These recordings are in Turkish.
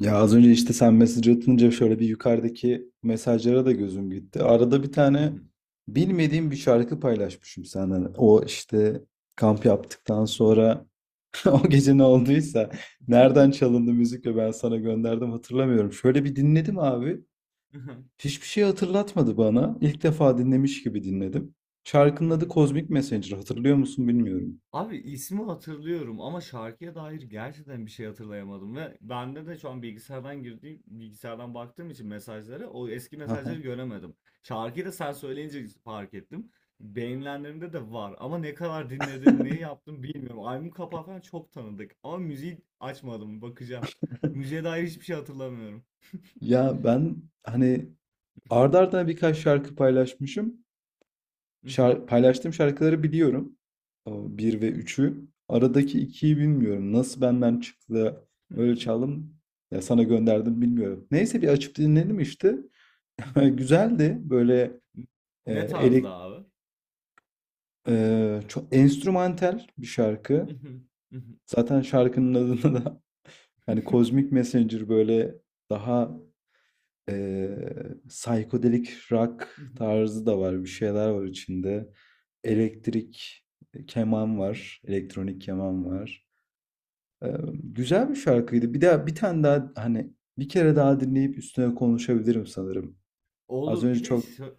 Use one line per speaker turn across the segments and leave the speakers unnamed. Ya az önce işte sen mesaj atınca şöyle bir yukarıdaki mesajlara da gözüm gitti. Arada bir
Hı
tane
hı.
bilmediğim bir şarkı paylaşmışım senden. O işte kamp yaptıktan sonra o gece ne olduysa nereden çalındı müzik ve ben sana gönderdim hatırlamıyorum. Şöyle bir dinledim abi.
Hı hı.
Hiçbir şey hatırlatmadı bana. İlk defa dinlemiş gibi dinledim.
Hı
Şarkının adı
hı.
Cosmic Messenger. Hatırlıyor musun bilmiyorum.
Abi ismi hatırlıyorum ama şarkıya dair gerçekten bir şey hatırlayamadım ve bende de şu an bilgisayardan baktığım için mesajlara o eski mesajları göremedim. Şarkıyı da sen söyleyince fark ettim. Beğenilenlerimde de var ama ne kadar dinledim, neyi yaptım bilmiyorum. Albüm kapağı falan çok tanıdık ama müziği açmadım, bakacağım. Müziğe dair hiçbir şey hatırlamıyorum.
Ya ben hani ardarda arda arda birkaç şarkı paylaşmışım.
Hı hı.
Paylaştığım şarkıları biliyorum. O 1 ve üçü, aradaki 2'yi bilmiyorum. Nasıl benden çıktı? Öyle çaldım. Ya sana gönderdim bilmiyorum. Neyse bir açıp dinledim işte. Güzeldi. Böyle e,
Ne tarzda
elek
abi?
çok enstrümantal bir şarkı. Zaten şarkının adında da hani Cosmic Messenger böyle daha e, psychedelic rock tarzı da var. Bir şeyler var içinde. Elektrik keman var, elektronik keman var. Güzel bir şarkıydı. Bir daha bir tane daha hani bir kere daha dinleyip üstüne konuşabilirim sanırım. Az
Olur.
önce çok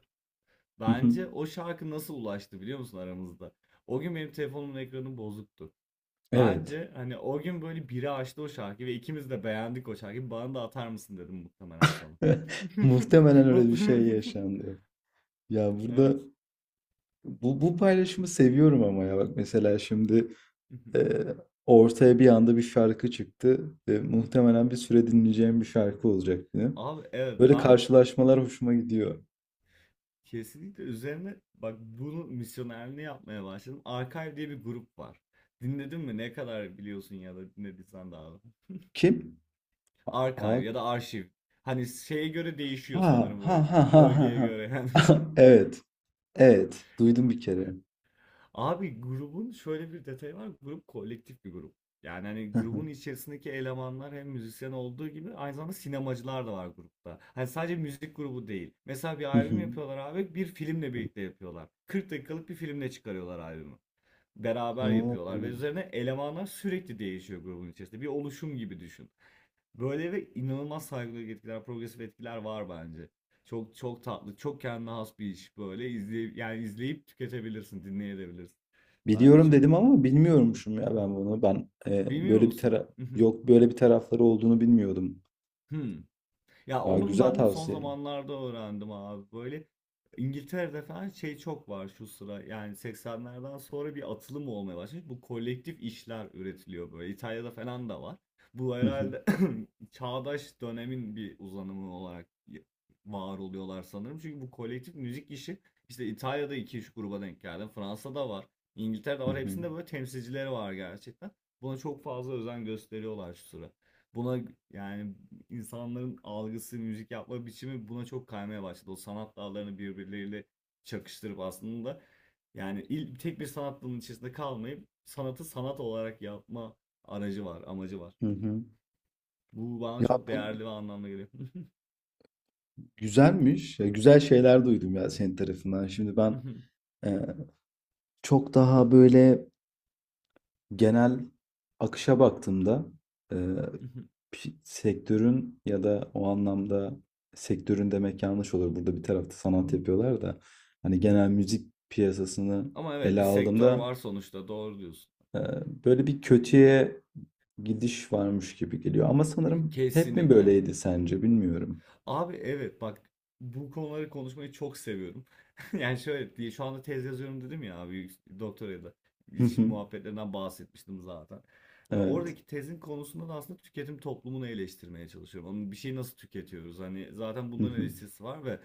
Hı hı.
Bence o şarkı nasıl ulaştı biliyor musun aramızda? O gün benim telefonumun ekranı bozuktu.
Evet.
Bence hani o gün böyle biri açtı o şarkıyı ve ikimiz de beğendik o şarkıyı. Bana da atar mısın dedim muhtemelen sana.
Muhtemelen öyle bir şey
Mutlu-
yaşandı. Ya burada
Evet.
bu paylaşımı seviyorum ama ya bak mesela şimdi eee, ortaya bir anda bir şarkı çıktı. Muhtemelen bir süre dinleyeceğim bir şarkı olacak benim.
Abi evet,
Böyle
ben
karşılaşmalar hoşuma gidiyor.
kesinlikle üzerine, bak, bunu misyonerliğini yapmaya başladım. Archive diye bir grup var. Dinledin mi? Ne kadar biliyorsun ya da dinlediysen daha.
Kim? Aa.
Archive ya da arşiv. Hani şeye göre değişiyor
Ha
sanırım, bu
ha ha ha ha.
bölgeye
Ha.
göre. Yani.
Evet. Evet. Duydum bir kere.
Abi grubun şöyle bir detayı var. Grup kolektif bir grup. Yani hani grubun
Hı
içerisindeki elemanlar hem müzisyen olduğu gibi aynı zamanda sinemacılar da var grupta. Hani sadece müzik grubu değil. Mesela bir albüm
hı.
yapıyorlar abi, bir filmle birlikte yapıyorlar. 40 dakikalık bir filmle çıkarıyorlar albümü. Beraber yapıyorlar ve
Oo.
üzerine elemanlar sürekli değişiyor grubun içerisinde. Bir oluşum gibi düşün. Böyle. Ve inanılmaz saygılı etkiler, progresif etkiler var bence. Çok çok tatlı, çok kendine has bir iş böyle. İzleyip, yani izleyip tüketebilirsin, dinleyebilirsin. Bence
Biliyorum
çok...
dedim ama bilmiyormuşum ya ben bunu. Ben
Bilmiyor
böyle bir
musun?
yok, böyle bir tarafları olduğunu bilmiyordum.
Hmm. Ya
Aa,
onu
güzel
ben de son
tavsiye.
zamanlarda öğrendim abi. Böyle İngiltere'de falan şey çok var şu sıra. Yani 80'lerden sonra bir atılım olmaya başlamış. Bu kolektif işler üretiliyor böyle. İtalya'da falan da var. Bu
Hı hı.
herhalde çağdaş dönemin bir uzanımı olarak var oluyorlar sanırım. Çünkü bu kolektif müzik işi, işte İtalya'da iki üç gruba denk geldim. Fransa'da var. İngiltere'de
Hı
var.
hı.
Hepsinde böyle temsilcileri var gerçekten. Buna çok fazla özen gösteriyorlar şu sıra. Buna, yani insanların algısı, müzik yapma biçimi buna çok kaymaya başladı. O sanat dallarını birbirleriyle çakıştırıp aslında, yani tek bir sanat dalının içerisinde kalmayıp sanatı sanat olarak yapma aracı var, amacı var.
Hı hı.
Bu bana
Ya
çok
bu
değerli ve anlamlı geliyor.
güzelmiş. Ya, güzel şeyler duydum ya senin tarafından. Şimdi ben e, çok daha böyle genel akışa baktığımda, e, sektörün ya da o anlamda sektörün demek yanlış olur. Burada bir tarafta sanat yapıyorlar da hani genel müzik piyasasını
Ama evet,
ele
bir sektör
aldığımda
var sonuçta, doğru diyorsun.
e, böyle bir kötüye gidiş varmış gibi geliyor. Ama sanırım hep mi
Kesinlikle.
böyleydi sence bilmiyorum.
Abi evet bak, bu konuları konuşmayı çok seviyorum. Yani şöyle diye, şu anda tez yazıyorum dedim ya abi, doktoraya da,
Hı
iş
hı.
muhabbetlerinden bahsetmiştim zaten. Ve
Evet.
oradaki tezin konusunda da aslında tüketim toplumunu eleştirmeye çalışıyorum. Onun bir şeyi nasıl tüketiyoruz? Hani zaten
Hı
bunların
hı.
eleştirisi var ve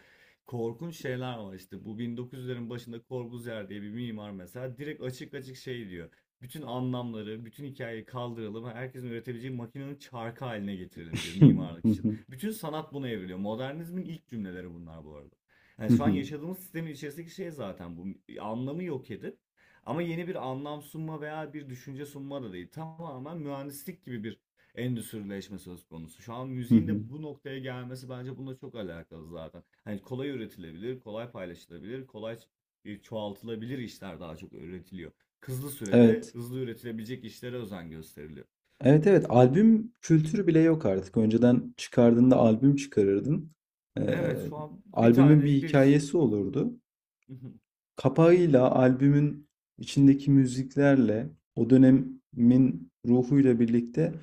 korkunç şeyler var işte. Bu 1900'lerin başında Corbusier diye bir mimar mesela direkt açık açık şey diyor. Bütün anlamları, bütün hikayeyi kaldıralım. Herkesin üretebileceği makinenin çarkı haline getirelim diyor
Hı
mimarlık için.
hı.
Bütün sanat buna evriliyor. Modernizmin ilk cümleleri bunlar bu arada. Yani
Hı
şu an
hı.
yaşadığımız sistemin içerisindeki şey zaten bu. Anlamı yok edip ama yeni bir anlam sunma veya bir düşünce sunma da değil. Tamamen mühendislik gibi bir endüstrileşme söz konusu. Şu an
Hı
müziğin
hı.
de bu noktaya gelmesi bence bununla çok alakalı zaten. Hani kolay üretilebilir, kolay paylaşılabilir, kolay çoğaltılabilir işler daha çok üretiliyor. Hızlı sürede
Evet.
hızlı üretilebilecek işlere özen gösteriliyor.
Evet, evet, albüm kültürü bile yok artık. Önceden çıkardığında albüm çıkarırdın. Ee,
Evet, şu an bir tane
Albümün bir
bir
hikayesi olurdu. Kapağıyla, albümün içindeki müziklerle, o dönemin ruhuyla birlikte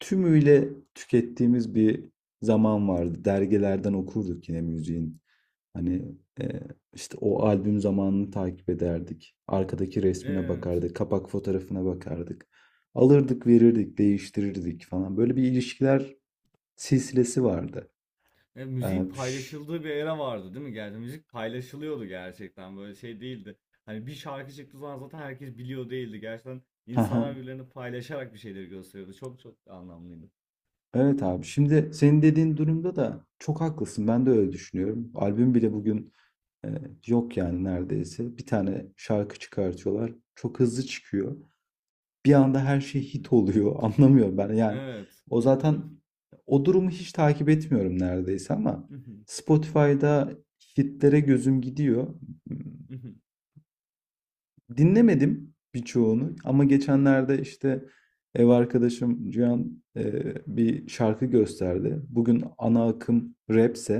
tümüyle tükettiğimiz bir zaman vardı. Dergilerden okurduk yine müziğin. Hani e, işte o albüm zamanını takip ederdik. Arkadaki resmine
Evet.
bakardık, kapak fotoğrafına bakardık. Alırdık, verirdik, değiştirirdik falan. Böyle bir ilişkiler silsilesi vardı.
Ya, müziğin
Ee, şş,
paylaşıldığı bir era vardı değil mi? Yani müzik paylaşılıyordu gerçekten. Böyle şey değildi. Hani bir şarkı çıktığı zaman zaten herkes biliyor değildi. Gerçekten insanlar birbirlerini paylaşarak bir şeyleri gösteriyordu. Çok çok anlamlıydı.
Evet abi. Şimdi senin dediğin durumda da çok haklısın. Ben de öyle düşünüyorum. Albüm bile bugün e, yok yani neredeyse. Bir tane şarkı çıkartıyorlar. Çok hızlı çıkıyor. Bir anda her şey hit oluyor. Anlamıyorum ben. Yani
Evet.
o zaten o durumu hiç takip etmiyorum neredeyse ama Spotify'da hitlere gözüm gidiyor. Dinlemedim birçoğunu ama geçenlerde işte ev arkadaşım Cihan bir şarkı gösterdi. Bugün ana akım rapse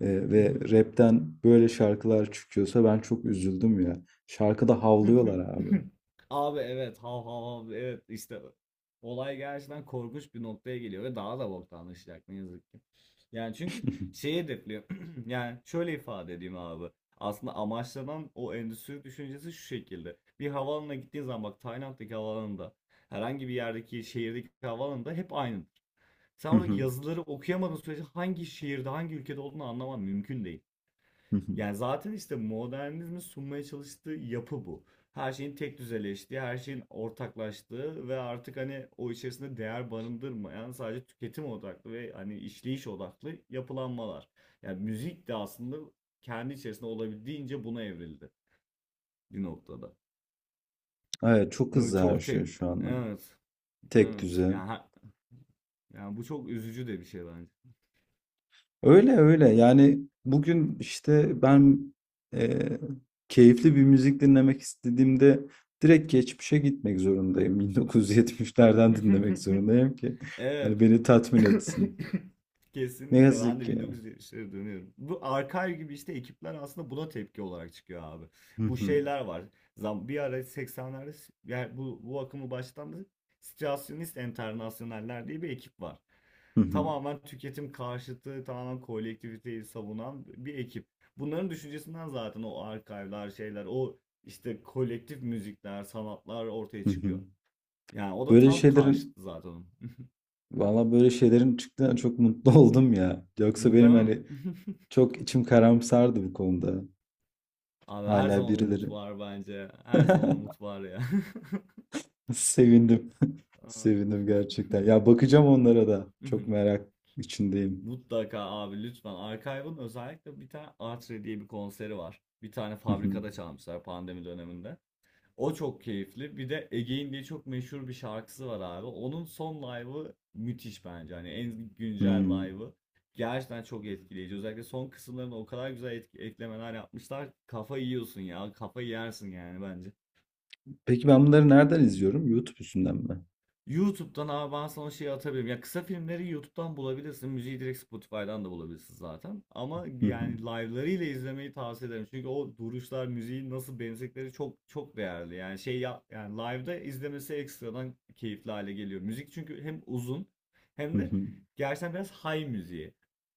ve rapten böyle şarkılar çıkıyorsa ben çok üzüldüm ya. Şarkıda havlıyorlar abi.
Abi evet, hav hav hav, evet işte olay gerçekten korkunç bir noktaya geliyor ve daha da boktanlaşacak ne yazık ki. Yani çünkü şeyi hedefliyor yani şöyle ifade edeyim abi, aslında amaçlanan o endüstri düşüncesi şu şekilde: bir havaalanına gittiğin zaman, bak Tayland'daki havaalanında, herhangi bir yerdeki şehirdeki havaalanında hep aynı. Sen oradaki yazıları okuyamadığın sürece hangi şehirde hangi ülkede olduğunu anlaman mümkün değil. Yani zaten işte modernizmin sunmaya çalıştığı yapı bu. Her şeyin tek düzeleştiği, her şeyin ortaklaştığı ve artık hani o içerisinde değer barındırmayan, sadece tüketim odaklı ve hani işleyiş odaklı yapılanmalar. Yani müzik de aslında kendi içerisinde olabildiğince buna evrildi bir noktada.
Evet, çok
Böyle
hızlı her
çok
şey
tek...
şu anda.
Evet,
Tek
evet.
düze.
Yani bu çok üzücü de bir şey bence.
Öyle öyle. Yani bugün işte ben eee, keyifli bir müzik dinlemek istediğimde direkt geçmişe gitmek zorundayım. 1970'lerden dinlemek zorundayım ki hani
Evet.
beni tatmin etsin. Ne
Kesinlikle ben
yazık
de
ki.
1970'lere dönüyorum. Bu Archive gibi işte ekipler aslında buna tepki olarak çıkıyor abi.
Hı
Bu
hı,
şeyler var. Zam bir ara 80'lerde yani bu akımı başlatan Situasyonist Enternasyonel'ler diye bir ekip var.
hı hı,
Tamamen tüketim karşıtı, tamamen kolektiviteyi savunan bir ekip. Bunların düşüncesinden zaten o arkaylar, şeyler, o işte kolektif müzikler, sanatlar ortaya
hı hı.
çıkıyor. Yani o da
Böyle
tam
şeylerin
karşıtı zaten onun.
valla böyle şeylerin çıktığına çok mutlu oldum ya. Yoksa benim
Değil
hani
mi?
çok içim karamsardı bu konuda.
Abi her
Hala
zaman umut
birileri.
var bence. Her zaman umut var ya.
Sevindim. Sevindim
Aa.
gerçekten. Ya bakacağım onlara da. Çok
Mhm.
merak içindeyim.
Mutlaka abi, lütfen. Archive'ın özellikle bir tane Artre diye bir konseri var. Bir tane
Hı hı.
fabrikada çalmışlar pandemi döneminde. O çok keyifli. Bir de Again diye çok meşhur bir şarkısı var abi. Onun son live'ı müthiş bence. Hani en güncel
Hmm.
live'ı. Gerçekten çok etkileyici. Özellikle son kısımlarına o kadar güzel eklemeler yapmışlar. Kafa yiyorsun ya. Kafa yersin yani bence.
Peki ben bunları nereden izliyorum? YouTube üstünden mi?
YouTube'dan abi, ben sana şey atabilirim. Ya kısa filmleri YouTube'dan bulabilirsin. Müziği direkt Spotify'dan da bulabilirsin zaten. Ama
Hı hı.
yani live'larıyla izlemeyi tavsiye ederim. Çünkü o duruşlar, müziği nasıl benzettikleri çok çok değerli. Yani şey ya, yani live'da izlemesi ekstradan keyifli hale geliyor. Müzik, çünkü hem uzun
Hı
hem de
hı.
gerçekten biraz high müziği.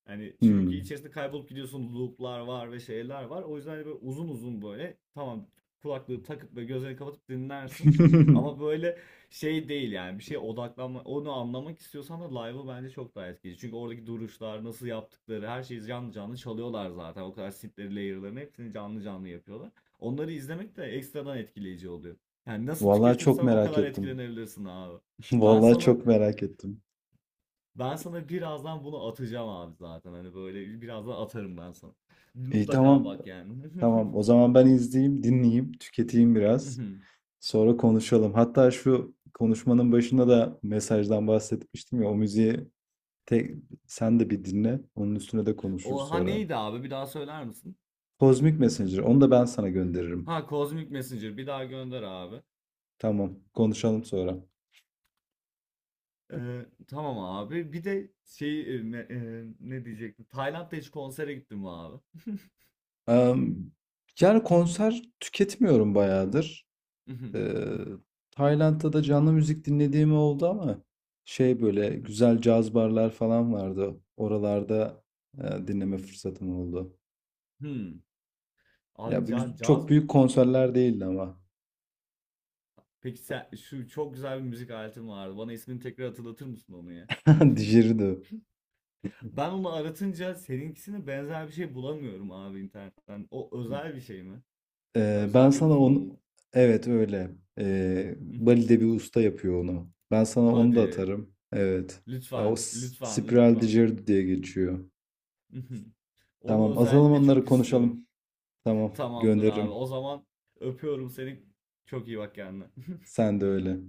Yani çünkü
Hmm.
içerisinde kaybolup gidiyorsun, loop'lar var ve şeyler var. O yüzden hani böyle uzun uzun, böyle tamam, kulaklığı takıp ve gözlerini kapatıp dinlersin. Ama böyle şey değil yani, bir şeye odaklanma onu anlamak istiyorsan da live'ı bence çok daha etkili. Çünkü oradaki duruşlar, nasıl yaptıkları, her şeyi canlı canlı çalıyorlar zaten. O kadar synth'leri, layer'larını hepsini canlı canlı yapıyorlar. Onları izlemek de ekstradan etkileyici oluyor. Yani nasıl
Vallahi çok
tüketirsen o
merak
kadar
ettim.
etkilenebilirsin abi. Ben
Vallahi
sana
çok merak ettim.
ben sana birazdan bunu atacağım abi zaten. Hani böyle birazdan atarım ben sana.
İyi,
Mutlaka
tamam.
bak yani.
Tamam. O zaman ben izleyeyim, dinleyeyim, tüketeyim biraz. Sonra konuşalım. Hatta şu konuşmanın başında da mesajdan bahsetmiştim ya. O müziği tek, sen de bir dinle. Onun üstüne de konuşuruz
O ha
sonra.
neydi abi? Bir daha söyler misin?
Kozmik Messenger. Onu da ben sana gönderirim.
Ha Cosmic Messenger, bir daha gönder abi.
Tamam. Konuşalım sonra.
Tamam abi. Bir de ne diyecektim? Tayland'da hiç konsere gittim mi abi?
Em, Yani konser tüketmiyorum bayağıdır. Ee, Tayland'da da canlı müzik dinlediğim oldu ama şey böyle güzel caz barlar falan vardı. Oralarda dinleme fırsatım oldu.
Hmm. Abi
Ya
caz.
çok büyük konserler değildi ama.
Peki sen, şu çok güzel bir müzik aletin vardı. Bana ismini tekrar hatırlatır mısın onu ya?
Dijeridi.
Ben onu aratınca seninkisine benzer bir şey bulamıyorum abi internetten. O özel bir şey mi?
Ben
Özel bir
sana
formu
onu,
mu?
evet öyle. Bali'de bir usta yapıyor onu. Ben sana onu da
Hadi.
atarım. Evet. Ya o
Lütfen, lütfen,
spiral
lütfen.
djirdi diye geçiyor.
Onu
Tamam, atalım,
özellikle
onları
çok istiyorum.
konuşalım. Tamam,
Tamamdır abi.
gönderirim.
O zaman öpüyorum seni. Çok iyi bak kendine.
Sen de öyle.